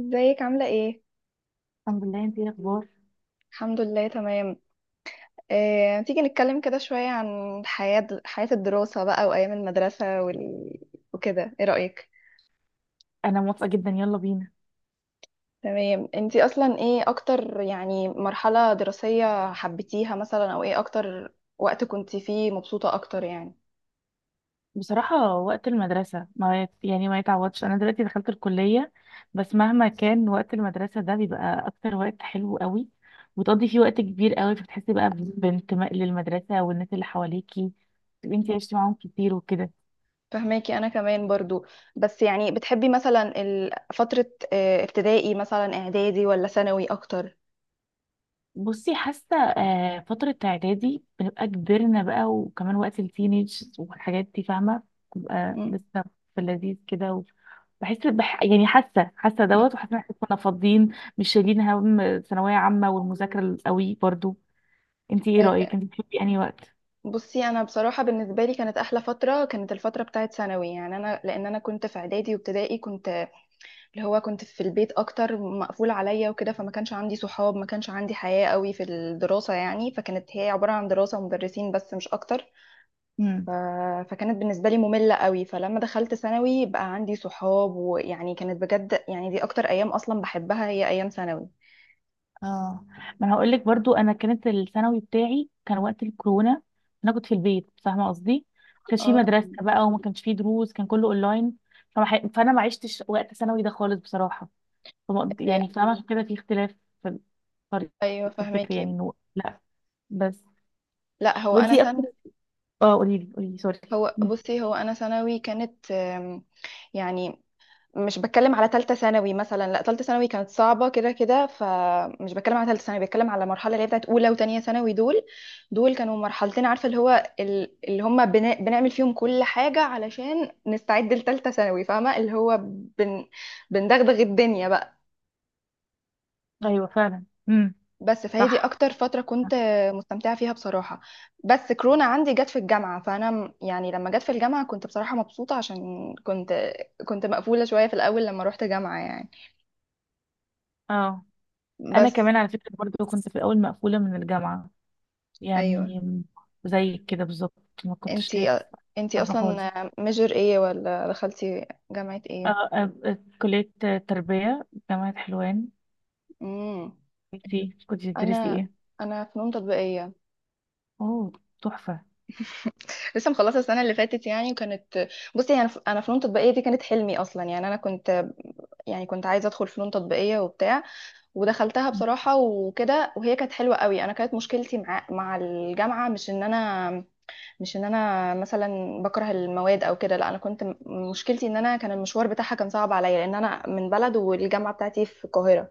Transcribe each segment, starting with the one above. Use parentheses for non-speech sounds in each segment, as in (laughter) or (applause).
ازيك عاملة ايه؟ الحمد لله، انتي ايه الاخبار؟ الحمد لله تمام. تيجي نتكلم كده شوية عن حياة الدراسة بقى وأيام المدرسة وكده، ايه رأيك؟ انا موافقه جدا، يلا بينا. تمام، انتي أصلا ايه أكتر يعني مرحلة دراسية حبيتيها مثلا، أو ايه أكتر وقت كنتي فيه مبسوطة أكتر يعني؟ بصراحه وقت المدرسه ما يت- يعني ما يتعوضش. انا دلوقتي دخلت الكليه، بس مهما كان وقت المدرسه ده بيبقى اكتر وقت حلو قوي، وتقضي فيه وقت كبير قوي، فبتحسي بقى بانتماء للمدرسه والناس اللي حواليكي، تبقي انتي عشتي معاهم كتير وكده. فهماكي أنا كمان برضو. بس يعني بتحبي مثلا فترة ابتدائي مثلا، إعدادي ولا ثانوي أكتر؟ بصي حاسه فتره اعدادي بنبقى كبرنا بقى، وكمان وقت التينيج والحاجات دي، فاهمه. بنبقى م- لسه في اللذيذ كده. يعني حاسه حاسه دوت، وحاسه ان احنا كنا فاضيين، مش شايلين هم ثانويه عامه والمذاكره القوي برضو. انتي ايه م. رايك؟ انتي بتحبي انهي وقت؟ بصي، انا بصراحه بالنسبه لي كانت احلى فتره كانت الفتره بتاعت ثانوي، يعني انا لان انا كنت في اعدادي وابتدائي كنت اللي هو كنت في البيت اكتر مقفول عليا وكده، فما كانش عندي صحاب، ما كانش عندي حياه قوي في الدراسه يعني، فكانت هي عباره عن دراسه ومدرسين بس مش اكتر. ف... فكانت بالنسبه لي ممله قوي. فلما دخلت ثانوي بقى عندي صحاب، ويعني كانت بجد، يعني دي اكتر ايام اصلا بحبها، هي ايام ثانوي. اه، ما انا هقول لك برضو، انا كانت الثانوي بتاعي كان وقت الكورونا، انا كنت في البيت، فاهمه قصدي. ما كانش في اه، مدرسه بقى، وما كانش في دروس، كان كله اونلاين. فانا ما عشتش وقت ثانوي ده خالص بصراحه. يعني فاهمه، عشان كده في اختلاف في الطريق، ايوه في الفكر، فهماكي. يعني انه لا بس. لا، هو انا وانتي اكتر. سنه. اه، قولي لي قولي لي، سوري. هو مم. بصي، هو انا ثانوي كانت يعني مش بتكلم على ثالثه ثانوي مثلا، لا ثالثه ثانوي كانت صعبه كده كده، فمش بتكلم على ثالثه ثانوي، بتكلم على المرحله اللي هي بتاعت اولى وثانيه ثانوي دول. دول كانوا مرحلتين، عارفه اللي هو اللي هم بنعمل فيهم كل حاجه علشان نستعد لثالثه ثانوي، فاهمه اللي هو بن بندغدغ الدنيا بقى. ايوه فعلا. بس فهي دي صح. اكتر فتره كنت مستمتعه فيها بصراحه. بس كورونا عندي جت في الجامعه، فانا يعني لما جت في الجامعه كنت بصراحه مبسوطه، عشان كنت مقفوله شويه في الاول لما روحت جامعه يعني. اه، انا بس، كمان على فكره برضو، كنت في الاول مقفوله من الجامعه، ايوه. يعني زي كده بالظبط، ما كنتش ليه انتي انتي حابة خالص. اصلا ميجر ايه ولا دخلتي جامعه ايه؟ كلية تربية جامعة حلوان. امم. انتي كنت تدرسي انا ايه؟ فنون تطبيقيه. اوه، تحفة. لسه مخلصه السنه اللي فاتت يعني، وكانت. بصي، يعني أنا فنون تطبيقيه دي كانت حلمي اصلا، يعني انا كنت يعني كنت عايزه ادخل فنون تطبيقيه وبتاع، ودخلتها بصراحة وكده، وهي كانت حلوة قوي. انا كانت مشكلتي مع الجامعة مش ان انا، مثلا بكره المواد او كده، لا انا كنت مشكلتي ان انا كان المشوار بتاعها كان صعب عليا، لان انا من بلد والجامعة بتاعتي في القاهرة،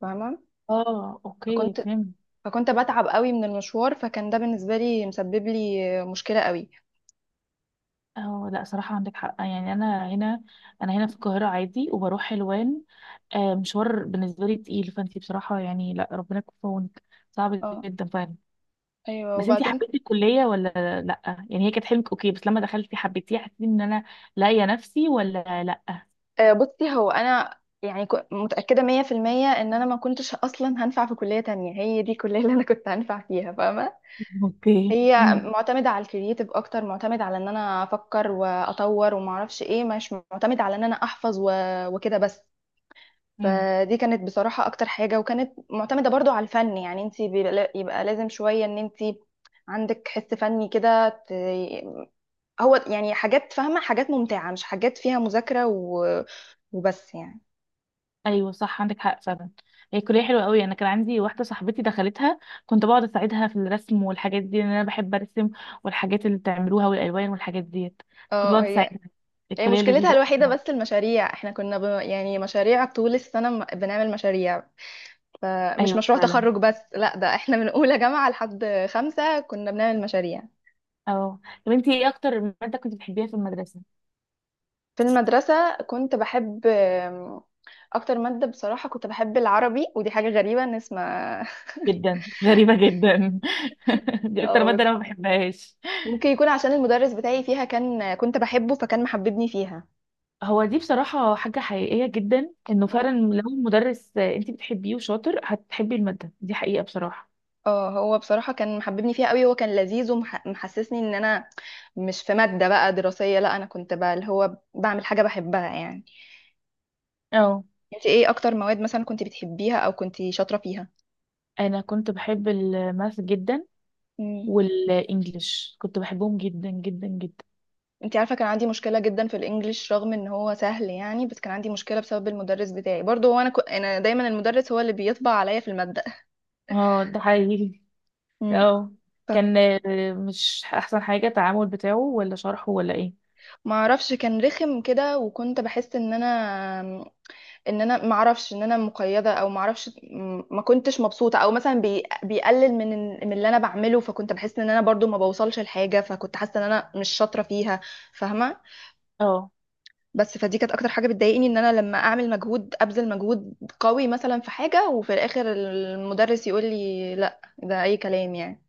فاهمة. اه، اوكي، فكنت فهمت. فكنت بتعب قوي من المشوار، فكان ده بالنسبة لي مسبب لي مشكلة قوي. اه، لا صراحة عندك حق، يعني انا هنا، انا هنا في القاهرة عادي، وبروح حلوان. مشوار بالنسبة لي تقيل، فانتي بصراحة، يعني لا، ربنا يكون في عونك. صعب اه، جدا فعلا. ايوه بس انتي وبعدين. حبيتي الكلية ولا؟ لأ يعني، هي كانت حلمك اوكي، بس لما دخلتي حبيتيها، حسيتي ان انا لاقية نفسي ولا لأ؟ بصي، هو انا يعني متأكدة 100% ان انا ما كنتش اصلا هنفع في كلية تانية، هي دي الكلية اللي انا كنت هنفع فيها، فاهمة. (laughs) اوكي. هي معتمدة على الكرييتيف اكتر، معتمد على ان انا افكر واطور وما اعرفش ايه، مش معتمد على ان انا احفظ وكده بس. امم. فدي كانت بصراحة اكتر حاجة، وكانت معتمدة برضو على الفن، يعني انت يبقى لازم شوية ان انت عندك حس فني كده. هو يعني حاجات، فاهمة، حاجات ممتعة مش حاجات فيها مذاكرة وبس يعني. ايوه صح، عندك حق فعلا. هي كلية حلوة قوي، انا كان عندي واحدة صاحبتي دخلتها، كنت بقعد اساعدها في الرسم والحاجات دي، لان انا بحب ارسم، والحاجات اللي بتعملوها والالوان والحاجات ديت. كنت اه، بقعد هي اساعدها. الكلية مشكلتها لذيذة أوي الوحيدة بصراحة. بس المشاريع. احنا كنا يعني مشاريع طول السنة، بنعمل مشاريع. فمش ايوه مشروع فعلا. تخرج بس، لا، ده احنا من اولى جامعة لحد خمسة كنا بنعمل مشاريع. اه، طب انتي ايه اكتر مادة كنت بتحبيها في المدرسة؟ في المدرسة كنت بحب اكتر مادة بصراحة كنت بحب العربي، ودي حاجة غريبة ان اسمها. جدا غريبة جدا. (laughs) (laughs) دي اكتر اه مادة بس، انا ما بحبهاش. ممكن يكون عشان المدرس بتاعي فيها كنت بحبه فكان محببني فيها. هو دي بصراحة حاجة حقيقية جدا، انه فعلا مم. لو المدرس انت بتحبيه وشاطر هتحبي المادة دي، حقيقة بصراحة. اه، هو بصراحة كان محببني فيها قوي، هو كان لذيذ ومحسسني ان انا مش في مادة بقى دراسية، لا، انا كنت بقى اللي هو بعمل حاجة بحبها يعني. اه، انت ايه اكتر مواد مثلا كنت بتحبيها او كنت شاطرة انا كنت بحب الماث جدا، فيها؟ والانجليش كنت بحبهم جدا جدا جدا. انت عارفه، كان عندي مشكله جدا في الانجليش، رغم ان هو سهل يعني، بس كان عندي مشكله بسبب المدرس بتاعي برضه. هو انا انا دايما المدرس هو اللي بيطبع عليا في الماده. اه، ده حقيقي. امم. اه، ف- كان مش احسن حاجة، التعامل بتاعه ولا شرحه ولا ايه؟ ما اعرفش كان رخم كده، وكنت بحس ان انا ما اعرفش ان انا مقيده، او ما اعرفش ما كنتش مبسوطه، او مثلا بيقلل من من اللي انا بعمله، فكنت بحس ان انا برضو ما بوصلش لحاجه، فكنت حاسه ان انا مش شاطره فيها، فاهمه. اه، بس، فدي كانت اكتر حاجه بتضايقني، ان انا لما اعمل مجهود ابذل مجهود قوي مثلا في حاجه، وفي الاخر المدرس يقول لي لا، ده اي كلام يعني.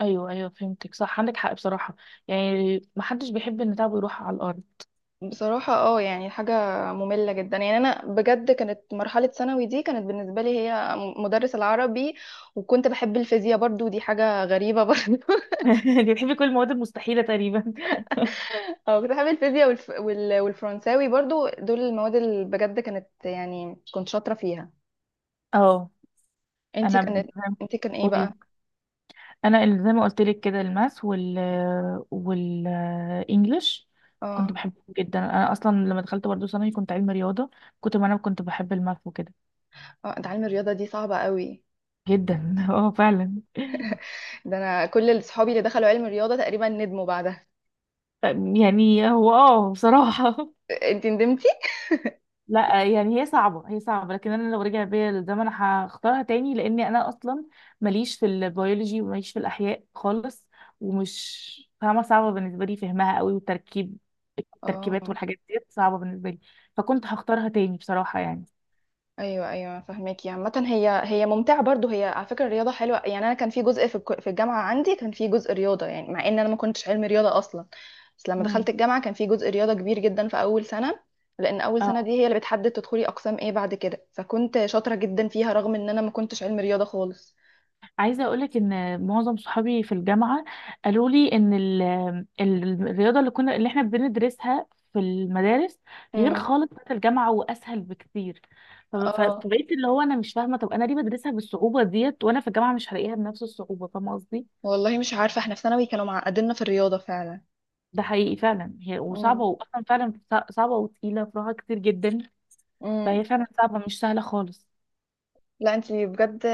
ايوه ايوه، فهمتك، صح عندك حق بصراحة، يعني محدش بيحب ان تعبه يروح على الارض. بصراحه، اه يعني حاجه ممله جدا، يعني انا بجد كانت مرحله ثانوي دي كانت بالنسبه لي هي مدرس العربي. وكنت بحب الفيزياء برضو، دي حاجه غريبه برضو. (laughs) انت بتحبي كل المواد المستحيلة تقريبا. (laughs) اه، كنت بحب الفيزياء والفرنساوي برضو، دول المواد اللي بجد كانت يعني كنت شاطره فيها. اه، انتي انا ب- كانت انتي كان ايه قولي. بقى؟ انا، اللي زي ما قلت لك كده، الماس والانجليش كنت اه، بحبهم جدا. انا اصلا لما دخلت برضه ثانوي، كنت علمي رياضه، ما انا كنت بحب الماث وكده. اه، ده علم الرياضه دي صعبه قوي. جدا. (laughs) اه فعلا. ده انا كل اللي صحابي اللي دخلوا علم الرياضه تقريبا ندموا بعدها. يعني هو، اه بصراحه، انت ندمتي؟ لا، يعني هي صعبة، هي صعبة لكن أنا لو رجع بيا للزمن هختارها تاني، لأني أنا أصلا ماليش في البيولوجي، وماليش في الأحياء خالص، ومش فاهمة، صعبة بالنسبة لي فهمها قوي، والتركيب التركيبات اه، والحاجات دي صعبة بالنسبة لي. فكنت هختارها تاني بصراحة يعني. ايوه ايوه فهماكي. عامه هي ممتعه برضو، هي على فكره الرياضه حلوه يعني. انا كان في جزء في الجامعه عندي كان في جزء رياضه، يعني مع ان انا ما كنتش علم رياضه اصلا. بس لما امم. دخلت الجامعه كان في جزء رياضه كبير جدا في اول سنه، لان اول سنه اه، دي هي اللي بتحدد تدخلي اقسام ايه بعد كده، فكنت شاطره جدا فيها رغم ان انا ما كنتش علم رياضه خالص. عايزة أقولك إن معظم صحابي في الجامعة قالوا لي إن الرياضة اللي إحنا بندرسها في المدارس، غير امم. خالص بتاعت الجامعة وأسهل بكتير. اه، فبقيت اللي هو، أنا مش فاهمة طب أنا ليه بدرسها بالصعوبة ديت وأنا في الجامعة مش هلاقيها بنفس الصعوبة، فاهمة قصدي؟ والله مش عارفه، احنا في ثانوي كانوا معقديننا في الرياضه فعلا. ده حقيقي فعلا، هي وصعبة، امم، وأصلا فعلا صعبة وتقيلة، فروعها كتير جدا. امم. فهي فعلا صعبة، مش سهلة خالص. لا، انتي بجد،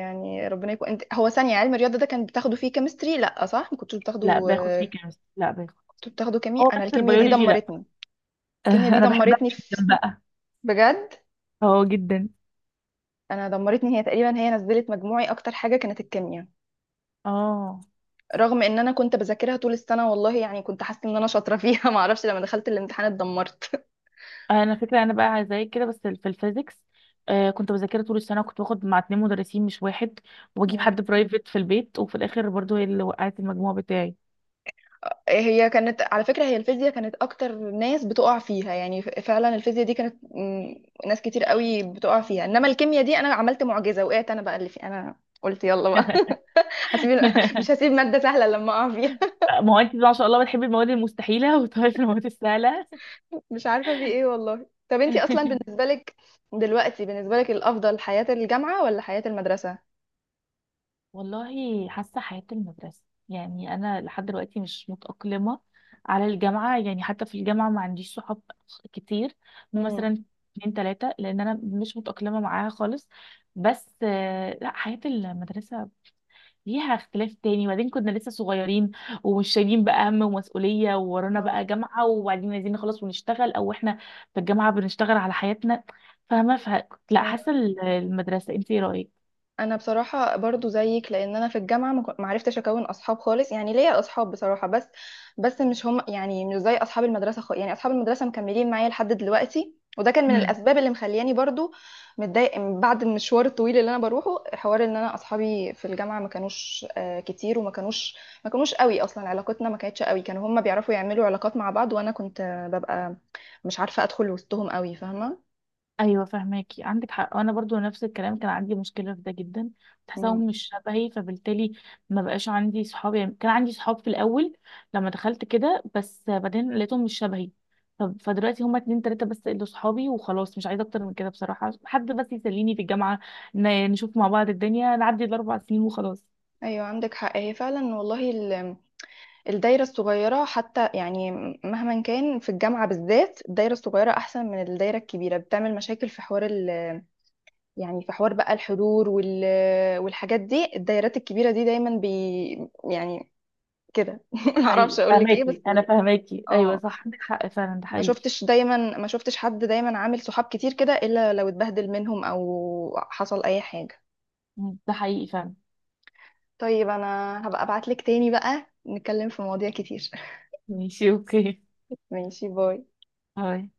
يعني ربنا يكون. انت، هو ثانية علم الرياضة ده كان بتاخده فيه كيمستري لا صح ما كنتوش بتاخده؟ لا، باخد فيه كيمستري، لا باخد. كنت بتاخده هو كيمياء. انا بس البيولوجي لا. (laughs) الكيمياء دي أنا بحبها دمرتني في. جدا بقى. بجد، اه، جدا. انا دمرتني، هي تقريبا هي نزلت مجموعي، اكتر حاجة كانت الكيمياء، اه، رغم ان انا كنت بذاكرها طول السنة والله، يعني كنت حاسة ان انا شاطرة فيها. (laughs) ما اعرفش لما دخلت الامتحان اتدمرت. انا فكره، انا بقى زي كده بس في الفيزيكس، كنت بذاكرها طول السنه، وكنت باخد مع اتنين مدرسين مش واحد، وبجيب حد (laughs) برايفت في البيت، وفي الاخر برضو هي اللي وقعت المجموع بتاعي. هي كانت على فكرة، هي الفيزياء كانت أكتر ناس بتقع فيها يعني، فعلا الفيزياء دي كانت، ناس كتير قوي بتقع فيها. إنما الكيمياء دي أنا عملت معجزة، وقعت أنا بقى اللي في أنا، قلت يلا بقى. (laughs) (laughs) هسيب ال- مش هسيب مادة سهلة لما أقع فيها. ما هو انت ما شاء الله بتحبي المواد المستحيله، (laughs) وتعرفي المواد السهله. (laughs) مش عارفة في إيه والله. طب أنتي أصلا (laughs) بالنسبة لك دلوقتي بالنسبة لك الأفضل حياة الجامعة ولا حياة المدرسة؟ والله حاسة حياة المدرسة، يعني أنا لحد دلوقتي مش متأقلمة على الجامعة، يعني حتى في الجامعة ما عنديش صحاب كتير، امم. مثلا اتنين تلاتة، لأن أنا مش متأقلمة معاها خالص. بس لا، حياة المدرسة ليها اختلاف تاني، وبعدين كنا لسه صغيرين، ومش شايلين بقى هم ومسؤولية، وورانا اه، بقى جامعة، وبعدين عايزين نخلص ونشتغل، أو إحنا في الجامعة بنشتغل على حياتنا، فاهمة، لا، حاسة المدرسة. انتي إيه رأيك؟ انا بصراحه برضو زيك، لان انا في الجامعه ما عرفتش اكون اصحاب خالص، يعني ليا اصحاب بصراحه بس، مش هم يعني، مش زي اصحاب المدرسه خالص، يعني اصحاب المدرسه مكملين معايا لحد دلوقتي، وده كان من الاسباب اللي مخلياني برضو متضايق، بعد المشوار الطويل اللي انا بروحه، حوار ان انا اصحابي في الجامعه ما كانوش كتير، وما كانوش قوي. اصلا علاقتنا ما كانتش قوي، كانوا هم بيعرفوا يعملوا علاقات مع بعض، وانا كنت ببقى مش عارفه ادخل وسطهم قوي، فاهمه. ايوه فهماكي، عندك حق، وانا برضو نفس الكلام، كان عندي مشكله في ده جدا، تحسهم مم. مش شبهي، فبالتالي ما بقاش عندي صحاب، يعني كان عندي صحاب في الاول لما دخلت كده، بس بعدين لقيتهم مش شبهي. فدلوقتي هما اتنين تلاته بس اللي صحابي، وخلاص مش عايزه اكتر من كده بصراحه، حد بس يسليني في الجامعه، نشوف مع بعض الدنيا، نعدي الاربع سنين وخلاص. ايوه عندك حق، هي فعلا والله. الدايرة الصغيرة حتى يعني، مهما كان في الجامعة بالذات الدايرة الصغيرة أحسن من الدايرة الكبيرة. بتعمل مشاكل في حوار يعني في حوار بقى الحضور والحاجات دي. الدايرات الكبيرة دي دايما يعني كده. (laughs) ده معرفش حقيقي، أقولك إيه بس فهماكي انا، فهماكي، ايوه اه، صح، عندك حق فعلا، ده حقيقي. ما شفتش حد دايما عامل صحاب كتير كده إلا لو اتبهدل منهم أو حصل أي حاجة. ده حقيقي فعلا. طيب أنا هبقى أبعتلك تاني بقى نتكلم في مواضيع كتير. ماشي، اوكي. (laughs) ماشي، باي. باي.